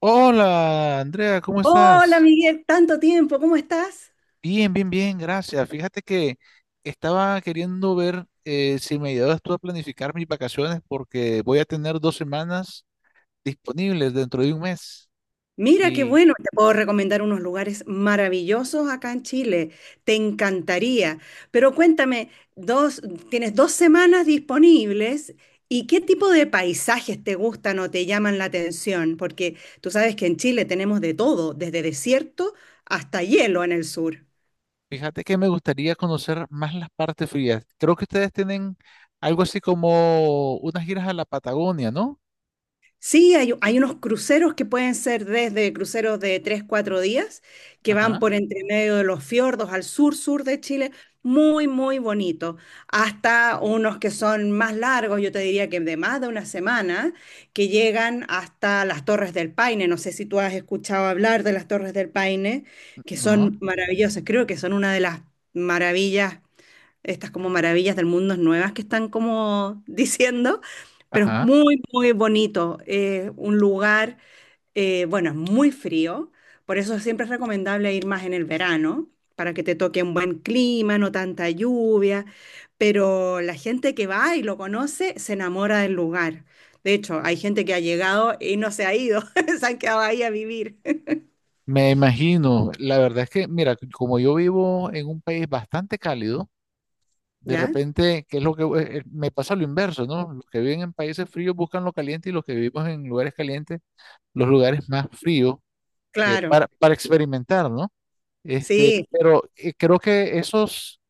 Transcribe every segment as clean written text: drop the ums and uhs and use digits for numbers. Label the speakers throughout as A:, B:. A: Hola, Andrea, ¿cómo
B: Hola
A: estás?
B: Miguel, tanto tiempo, ¿cómo estás?
A: Bien, bien, bien, gracias. Fíjate que estaba queriendo ver si me ayudas tú a planificar mis vacaciones porque voy a tener dos semanas disponibles dentro de un mes.
B: Mira qué
A: Y
B: bueno, te puedo recomendar unos lugares maravillosos acá en Chile, te encantaría. Pero cuéntame, dos, tienes 2 semanas disponibles y qué tipo de paisajes te gustan o te llaman la atención, porque tú sabes que en Chile tenemos de todo, desde desierto hasta hielo en el sur.
A: fíjate que me gustaría conocer más las partes frías. Creo que ustedes tienen algo así como unas giras a la Patagonia, ¿no?
B: Sí, hay unos cruceros que pueden ser desde cruceros de 3 4 días, que van
A: Ajá,
B: por entre medio de los fiordos al sur, sur de Chile, muy, muy bonito, hasta unos que son más largos, yo te diría que de más de una semana, que llegan hasta las Torres del Paine. No sé si tú has escuchado hablar de las Torres del Paine, que
A: no,
B: son maravillosas, creo que son una de las maravillas, estas como maravillas del mundo nuevas que están como diciendo, pero es
A: ajá.
B: muy, muy bonito. Un lugar, bueno, es muy frío, por eso siempre es recomendable ir más en el verano, para que te toque un buen clima, no tanta lluvia, pero la gente que va y lo conoce se enamora del lugar. De hecho, hay gente que ha llegado y no se ha ido, se han quedado ahí a vivir.
A: Me imagino. La verdad es que, mira, como yo vivo en un país bastante cálido, de
B: ¿Ya?
A: repente, ¿qué es lo que me pasa lo inverso, ¿no? Los que viven en países fríos buscan lo caliente y los que vivimos en lugares calientes, los lugares más fríos,
B: Claro,
A: para experimentar, ¿no? Este,
B: sí.
A: pero creo que esos,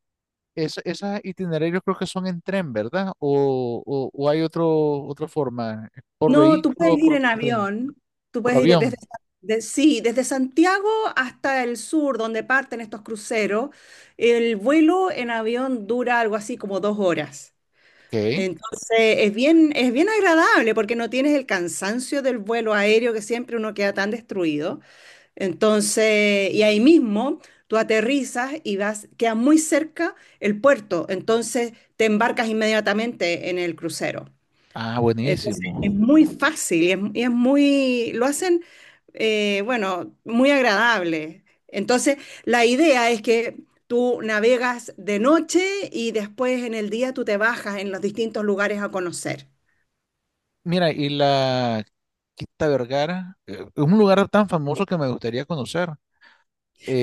A: es- esos itinerarios creo que son en tren, ¿verdad? O, o hay otro, otra forma, por
B: No, tú puedes
A: vehículo,
B: ir en
A: por tren,
B: avión, tú
A: por
B: puedes ir
A: avión.
B: sí, desde Santiago hasta el sur, donde parten estos cruceros. El vuelo en avión dura algo así como 2 horas.
A: Ok.
B: Entonces, es bien agradable porque no tienes el cansancio del vuelo aéreo que siempre uno queda tan destruido. Entonces, y ahí mismo tú aterrizas y vas, queda muy cerca el puerto. Entonces, te embarcas inmediatamente en el crucero.
A: Ah,
B: Entonces es
A: buenísimo.
B: muy fácil y es muy, lo hacen, bueno, muy agradable. Entonces la idea es que tú navegas de noche y después en el día tú te bajas en los distintos lugares a conocer.
A: Mira, y la Quinta Vergara, es un lugar tan famoso que me gustaría conocer.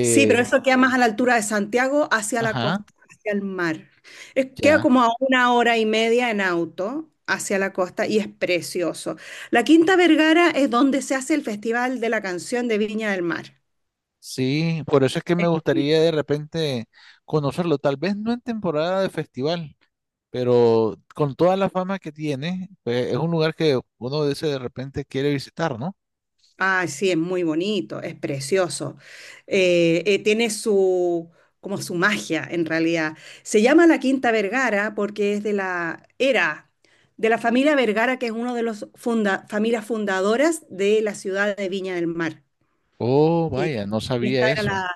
B: Sí, pero eso queda más a la altura de Santiago, hacia la
A: Ajá,
B: costa, hacia el mar. Queda
A: ya.
B: como a una hora y media en auto hacia la costa y es precioso. La Quinta Vergara es donde se hace el Festival de la Canción de Viña del Mar.
A: Sí, por eso es que me gustaría de repente conocerlo, tal vez no en temporada de festival, pero con toda la fama que tiene, pues es un lugar que uno dice de repente quiere visitar, ¿no?
B: Ah, sí, es muy bonito, es precioso. Tiene como su magia en realidad. Se llama la Quinta Vergara porque es era de la familia Vergara, que es una de las familias fundadoras de la ciudad de Viña del Mar.
A: Oh,
B: Y,
A: vaya, no
B: y
A: sabía
B: esta era
A: eso.
B: la,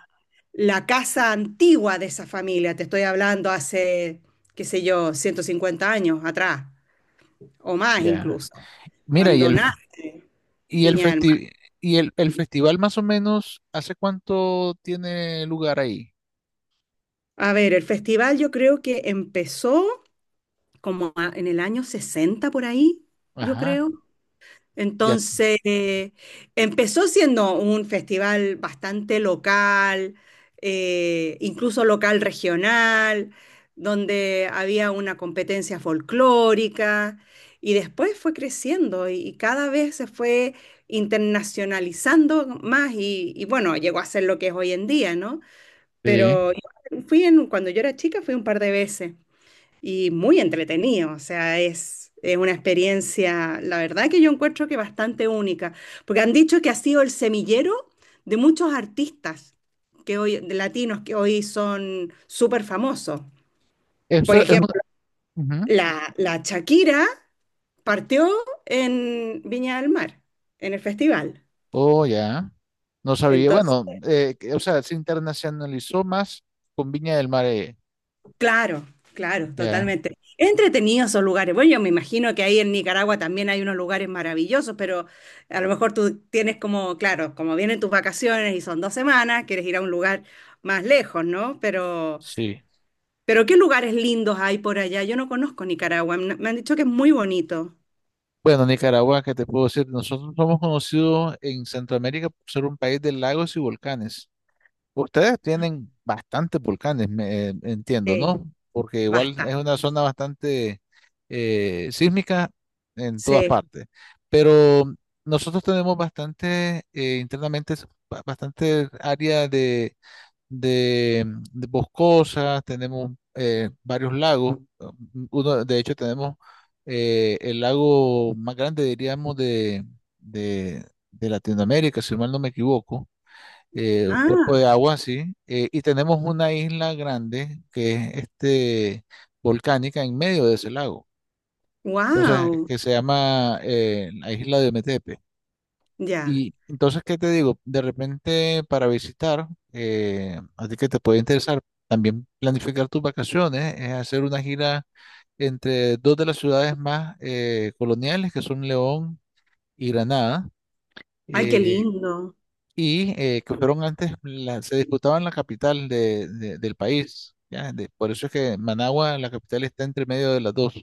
B: la casa antigua de esa familia, te estoy hablando hace, qué sé yo, 150 años atrás, o más
A: Ya.
B: incluso,
A: Mira,
B: cuando nace
A: y el
B: Viña del Mar.
A: festi- y el festival más o menos, ¿hace cuánto tiene lugar ahí?
B: A ver, el festival yo creo que empezó como en el año 60 por ahí, yo
A: Ajá,
B: creo.
A: ya.
B: Entonces, empezó siendo un festival bastante local, incluso local regional, donde había una competencia folclórica y después fue creciendo y cada vez se fue internacionalizando más y bueno, llegó a ser lo que es hoy en día, ¿no?
A: Sí.
B: Pero yo cuando yo era chica fui un par de veces y muy entretenido, o sea, es una experiencia, la verdad que yo encuentro que bastante única, porque han dicho que ha sido el semillero de muchos artistas que hoy, de latinos que hoy son súper famosos. Por
A: Eso es una,
B: ejemplo,
A: ujú.
B: la Shakira partió en Viña del Mar, en el festival.
A: Oh, ya. No sabía,
B: Entonces,
A: bueno, o sea, se internacionalizó más con Viña del Mar.
B: claro, claro,
A: Ya,
B: totalmente. Entretenido esos lugares. Bueno, yo me imagino que ahí en Nicaragua también hay unos lugares maravillosos, pero a lo mejor tú tienes como, claro, como vienen tus vacaciones y son 2 semanas, quieres ir a un lugar más lejos, ¿no? Pero,
A: sí.
B: pero ¿qué lugares lindos hay por allá? Yo no conozco Nicaragua. Me han dicho que es muy bonito.
A: Bueno, Nicaragua, ¿qué te puedo decir? Nosotros somos conocidos en Centroamérica por ser un país de lagos y volcanes. Ustedes tienen bastantes volcanes, me, entiendo,
B: Sí,
A: ¿no? Porque igual es
B: basta.
A: una zona bastante sísmica en todas
B: Sí.
A: partes. Pero nosotros tenemos bastante, internamente, es bastante área de, de boscosas, tenemos varios lagos. Uno, de hecho, tenemos el lago más grande, diríamos, de, de Latinoamérica, si mal no me equivoco. Un cuerpo de
B: Ah,
A: agua, sí. Y tenemos una isla grande que es este, volcánica en medio de ese lago. Entonces,
B: wow.
A: que se llama la isla de Ometepe.
B: Ya.
A: Y entonces, ¿qué te digo? De repente para visitar, a ti que te puede interesar, también planificar tus vacaciones, es hacer una gira entre dos de las ciudades más coloniales, que son León y Granada,
B: Ay, qué
A: eh,
B: lindo.
A: y que fueron antes, se disputaban la capital del país, ¿ya? De- por eso es que Managua, la capital, está entre medio de las dos.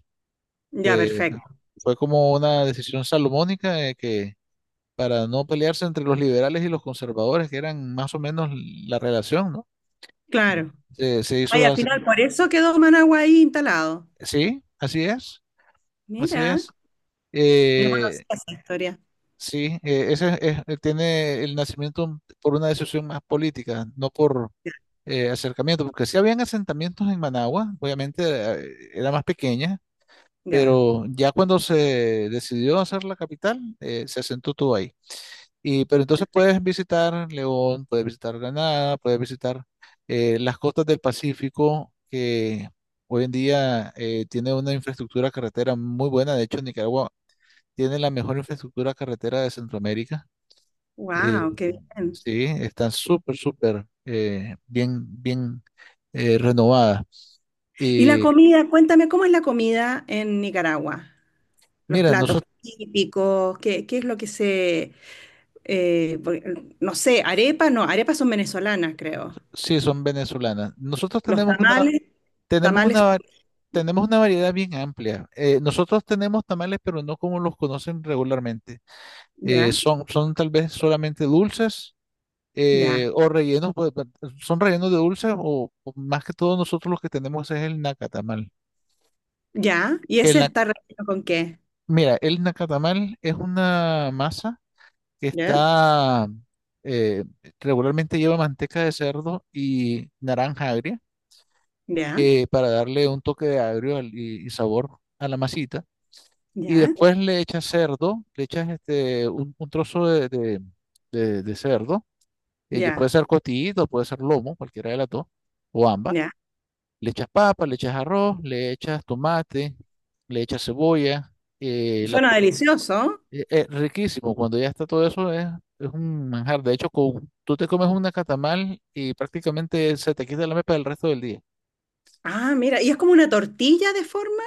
B: Ya,
A: Eh,
B: perfecto.
A: fue como una decisión salomónica de que para no pelearse entre los liberales y los conservadores, que eran más o menos la relación, ¿no? Sí.
B: Claro.
A: Se, se hizo,
B: Ay, al
A: la-
B: final por eso quedó Managua ahí instalado.
A: sí, así es, así
B: Mira.
A: es.
B: No
A: Eh,
B: conocía esa historia.
A: sí, ese tiene el nacimiento por una decisión más política, no por acercamiento, porque sí habían asentamientos en Managua, obviamente, era más pequeña,
B: Ya.
A: pero ya cuando se decidió hacer la capital, se asentó todo. Y, pero entonces puedes visitar León, puedes visitar Granada, puedes visitar las costas del Pacífico, que hoy en día tiene una infraestructura carretera muy buena. De hecho, Nicaragua tiene la mejor infraestructura carretera de Centroamérica. Eh,
B: Wow, qué bien.
A: sí, están súper, súper, bien, bien, renovadas.
B: Y la
A: Y
B: comida, cuéntame cómo es la comida en Nicaragua. Los
A: mira,
B: platos
A: nosotros,
B: típicos, qué es lo que se, eh, por- no sé, arepas, no, arepas son venezolanas, creo.
A: sí, son venezolanas. Nosotros
B: Los
A: tenemos una,
B: tamales,
A: Tenemos una,
B: tamales,
A: va- tenemos una variedad bien amplia. Nosotros tenemos tamales, pero no como los conocen regularmente.
B: ya,
A: Son, son tal vez solamente dulces,
B: ya,
A: o rellenos, pues, pa- son rellenos de dulces, o más que todo nosotros los que tenemos es el nacatamal.
B: ya. ¿Y
A: El
B: ese
A: na-
B: está relleno con qué?
A: Mira, el nacatamal es una masa que
B: Ya,
A: está, eh, regularmente lleva manteca de cerdo y naranja agria
B: ya,
A: para darle un toque de agrio y sabor a la masita. Y
B: ya,
A: después le echas cerdo, le echas este, un trozo de cerdo, puede
B: ya,
A: ser cotillito, puede ser lomo, cualquiera de las dos, o ambas.
B: ya.
A: Le echas papa, le echas arroz, le echas tomate, le echas cebolla. eh, la
B: Suena
A: pu-
B: delicioso.
A: eh, riquísimo, cuando ya está todo eso, es un manjar. De hecho, con- tú te comes una catamal y prácticamente se te quita la mepa del resto del día.
B: Ah, mira, y es como una tortilla de forma.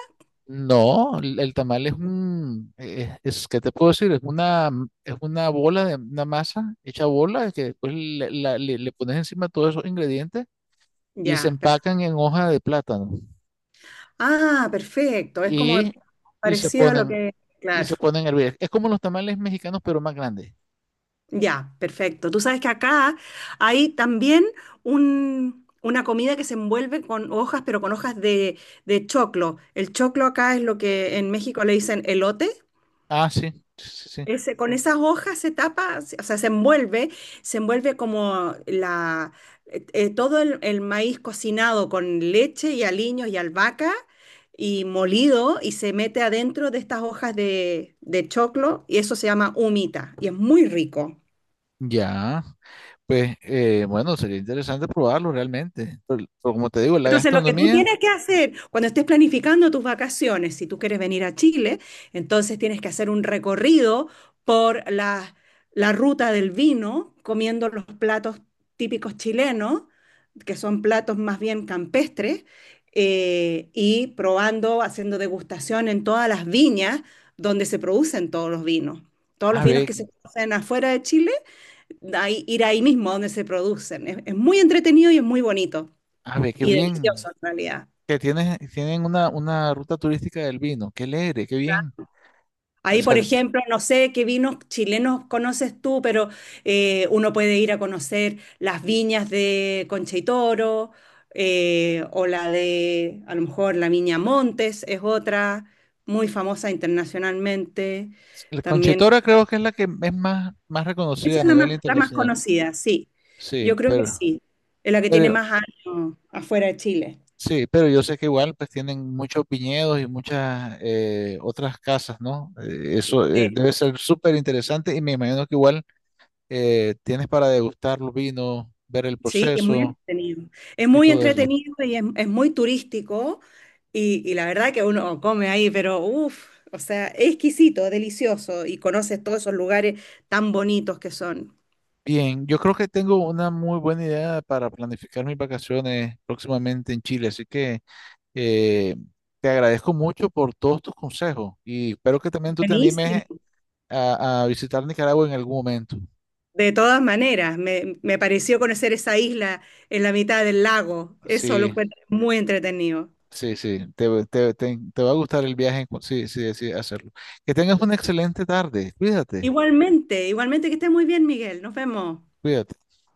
A: No, el tamal es un, es, ¿qué te puedo decir? Es una bola de una masa hecha bola que después le pones encima todos esos ingredientes y se
B: Ya,
A: empacan
B: perfecto.
A: en hoja de plátano
B: Ah, perfecto. Es como
A: y, y se
B: parecido a lo
A: ponen
B: que...
A: y
B: Claro.
A: se ponen a hervir. Es como los tamales mexicanos pero más grandes.
B: Ya, perfecto. Tú sabes que acá hay también una comida que se envuelve con hojas, pero con hojas de choclo. El choclo acá es lo que en México le dicen elote.
A: Ah, sí, sí, sí.
B: Ese, con esas hojas se tapa, o sea, se envuelve todo el maíz cocinado con leche y aliños y albahaca y molido y se mete adentro de estas hojas de choclo y eso se llama humita y es muy rico.
A: Ya, pues bueno, sería interesante probarlo realmente. Pero como te digo, la
B: Entonces, lo que tú
A: gastronomía,
B: tienes que hacer cuando estés planificando tus vacaciones, si tú quieres venir a Chile, entonces tienes que hacer un recorrido por la ruta del vino, comiendo los platos típicos chilenos, que son platos más bien campestres, y probando, haciendo degustación en todas las viñas donde se producen todos los vinos. Todos los
A: a
B: vinos
A: ver,
B: que se producen afuera de Chile, ir ahí mismo donde se producen. Es muy entretenido y es muy bonito
A: a ver, qué
B: y
A: bien.
B: delicioso en realidad.
A: Que tienen, tienen una ruta turística del vino. Qué alegre, qué bien. O
B: Ahí, por
A: sea,
B: ejemplo, no sé qué vinos chilenos conoces tú, pero uno puede ir a conocer las viñas de Concha y Toro, o la de, a lo mejor, la Viña Montes es otra, muy famosa internacionalmente.
A: la
B: También,
A: Conchetora creo que es la que es más, más
B: esa
A: reconocida a
B: es la más,
A: nivel
B: la más
A: internacional.
B: conocida, sí.
A: Sí,
B: Yo creo que sí. Es la que tiene
A: pero
B: más años afuera de Chile.
A: sí, pero yo sé que igual pues tienen muchos viñedos y muchas otras casas, ¿no? Eso
B: Sí.
A: debe ser súper interesante y me imagino que igual tienes para degustar los vinos, ver el
B: Sí, es muy
A: proceso
B: entretenido. Es
A: y
B: muy
A: todo eso.
B: entretenido y es muy turístico. Y la verdad que uno come ahí, pero uff, o sea, es exquisito, delicioso. Y conoces todos esos lugares tan bonitos que son.
A: Bien, yo creo que tengo una muy buena idea para planificar mis vacaciones próximamente en Chile, así que Eh, te agradezco mucho por todos tus consejos y espero que también tú te
B: Buenísimo.
A: animes a visitar Nicaragua en algún momento.
B: De todas maneras, me pareció conocer esa isla en la mitad del lago. Eso lo
A: Sí,
B: encuentro muy entretenido.
A: sí, sí, te, te va a gustar el viaje en sí, sí decides hacerlo. Que tengas una excelente tarde. Cuídate,
B: Igualmente, igualmente que estés muy bien, Miguel. Nos vemos.
A: cuídate.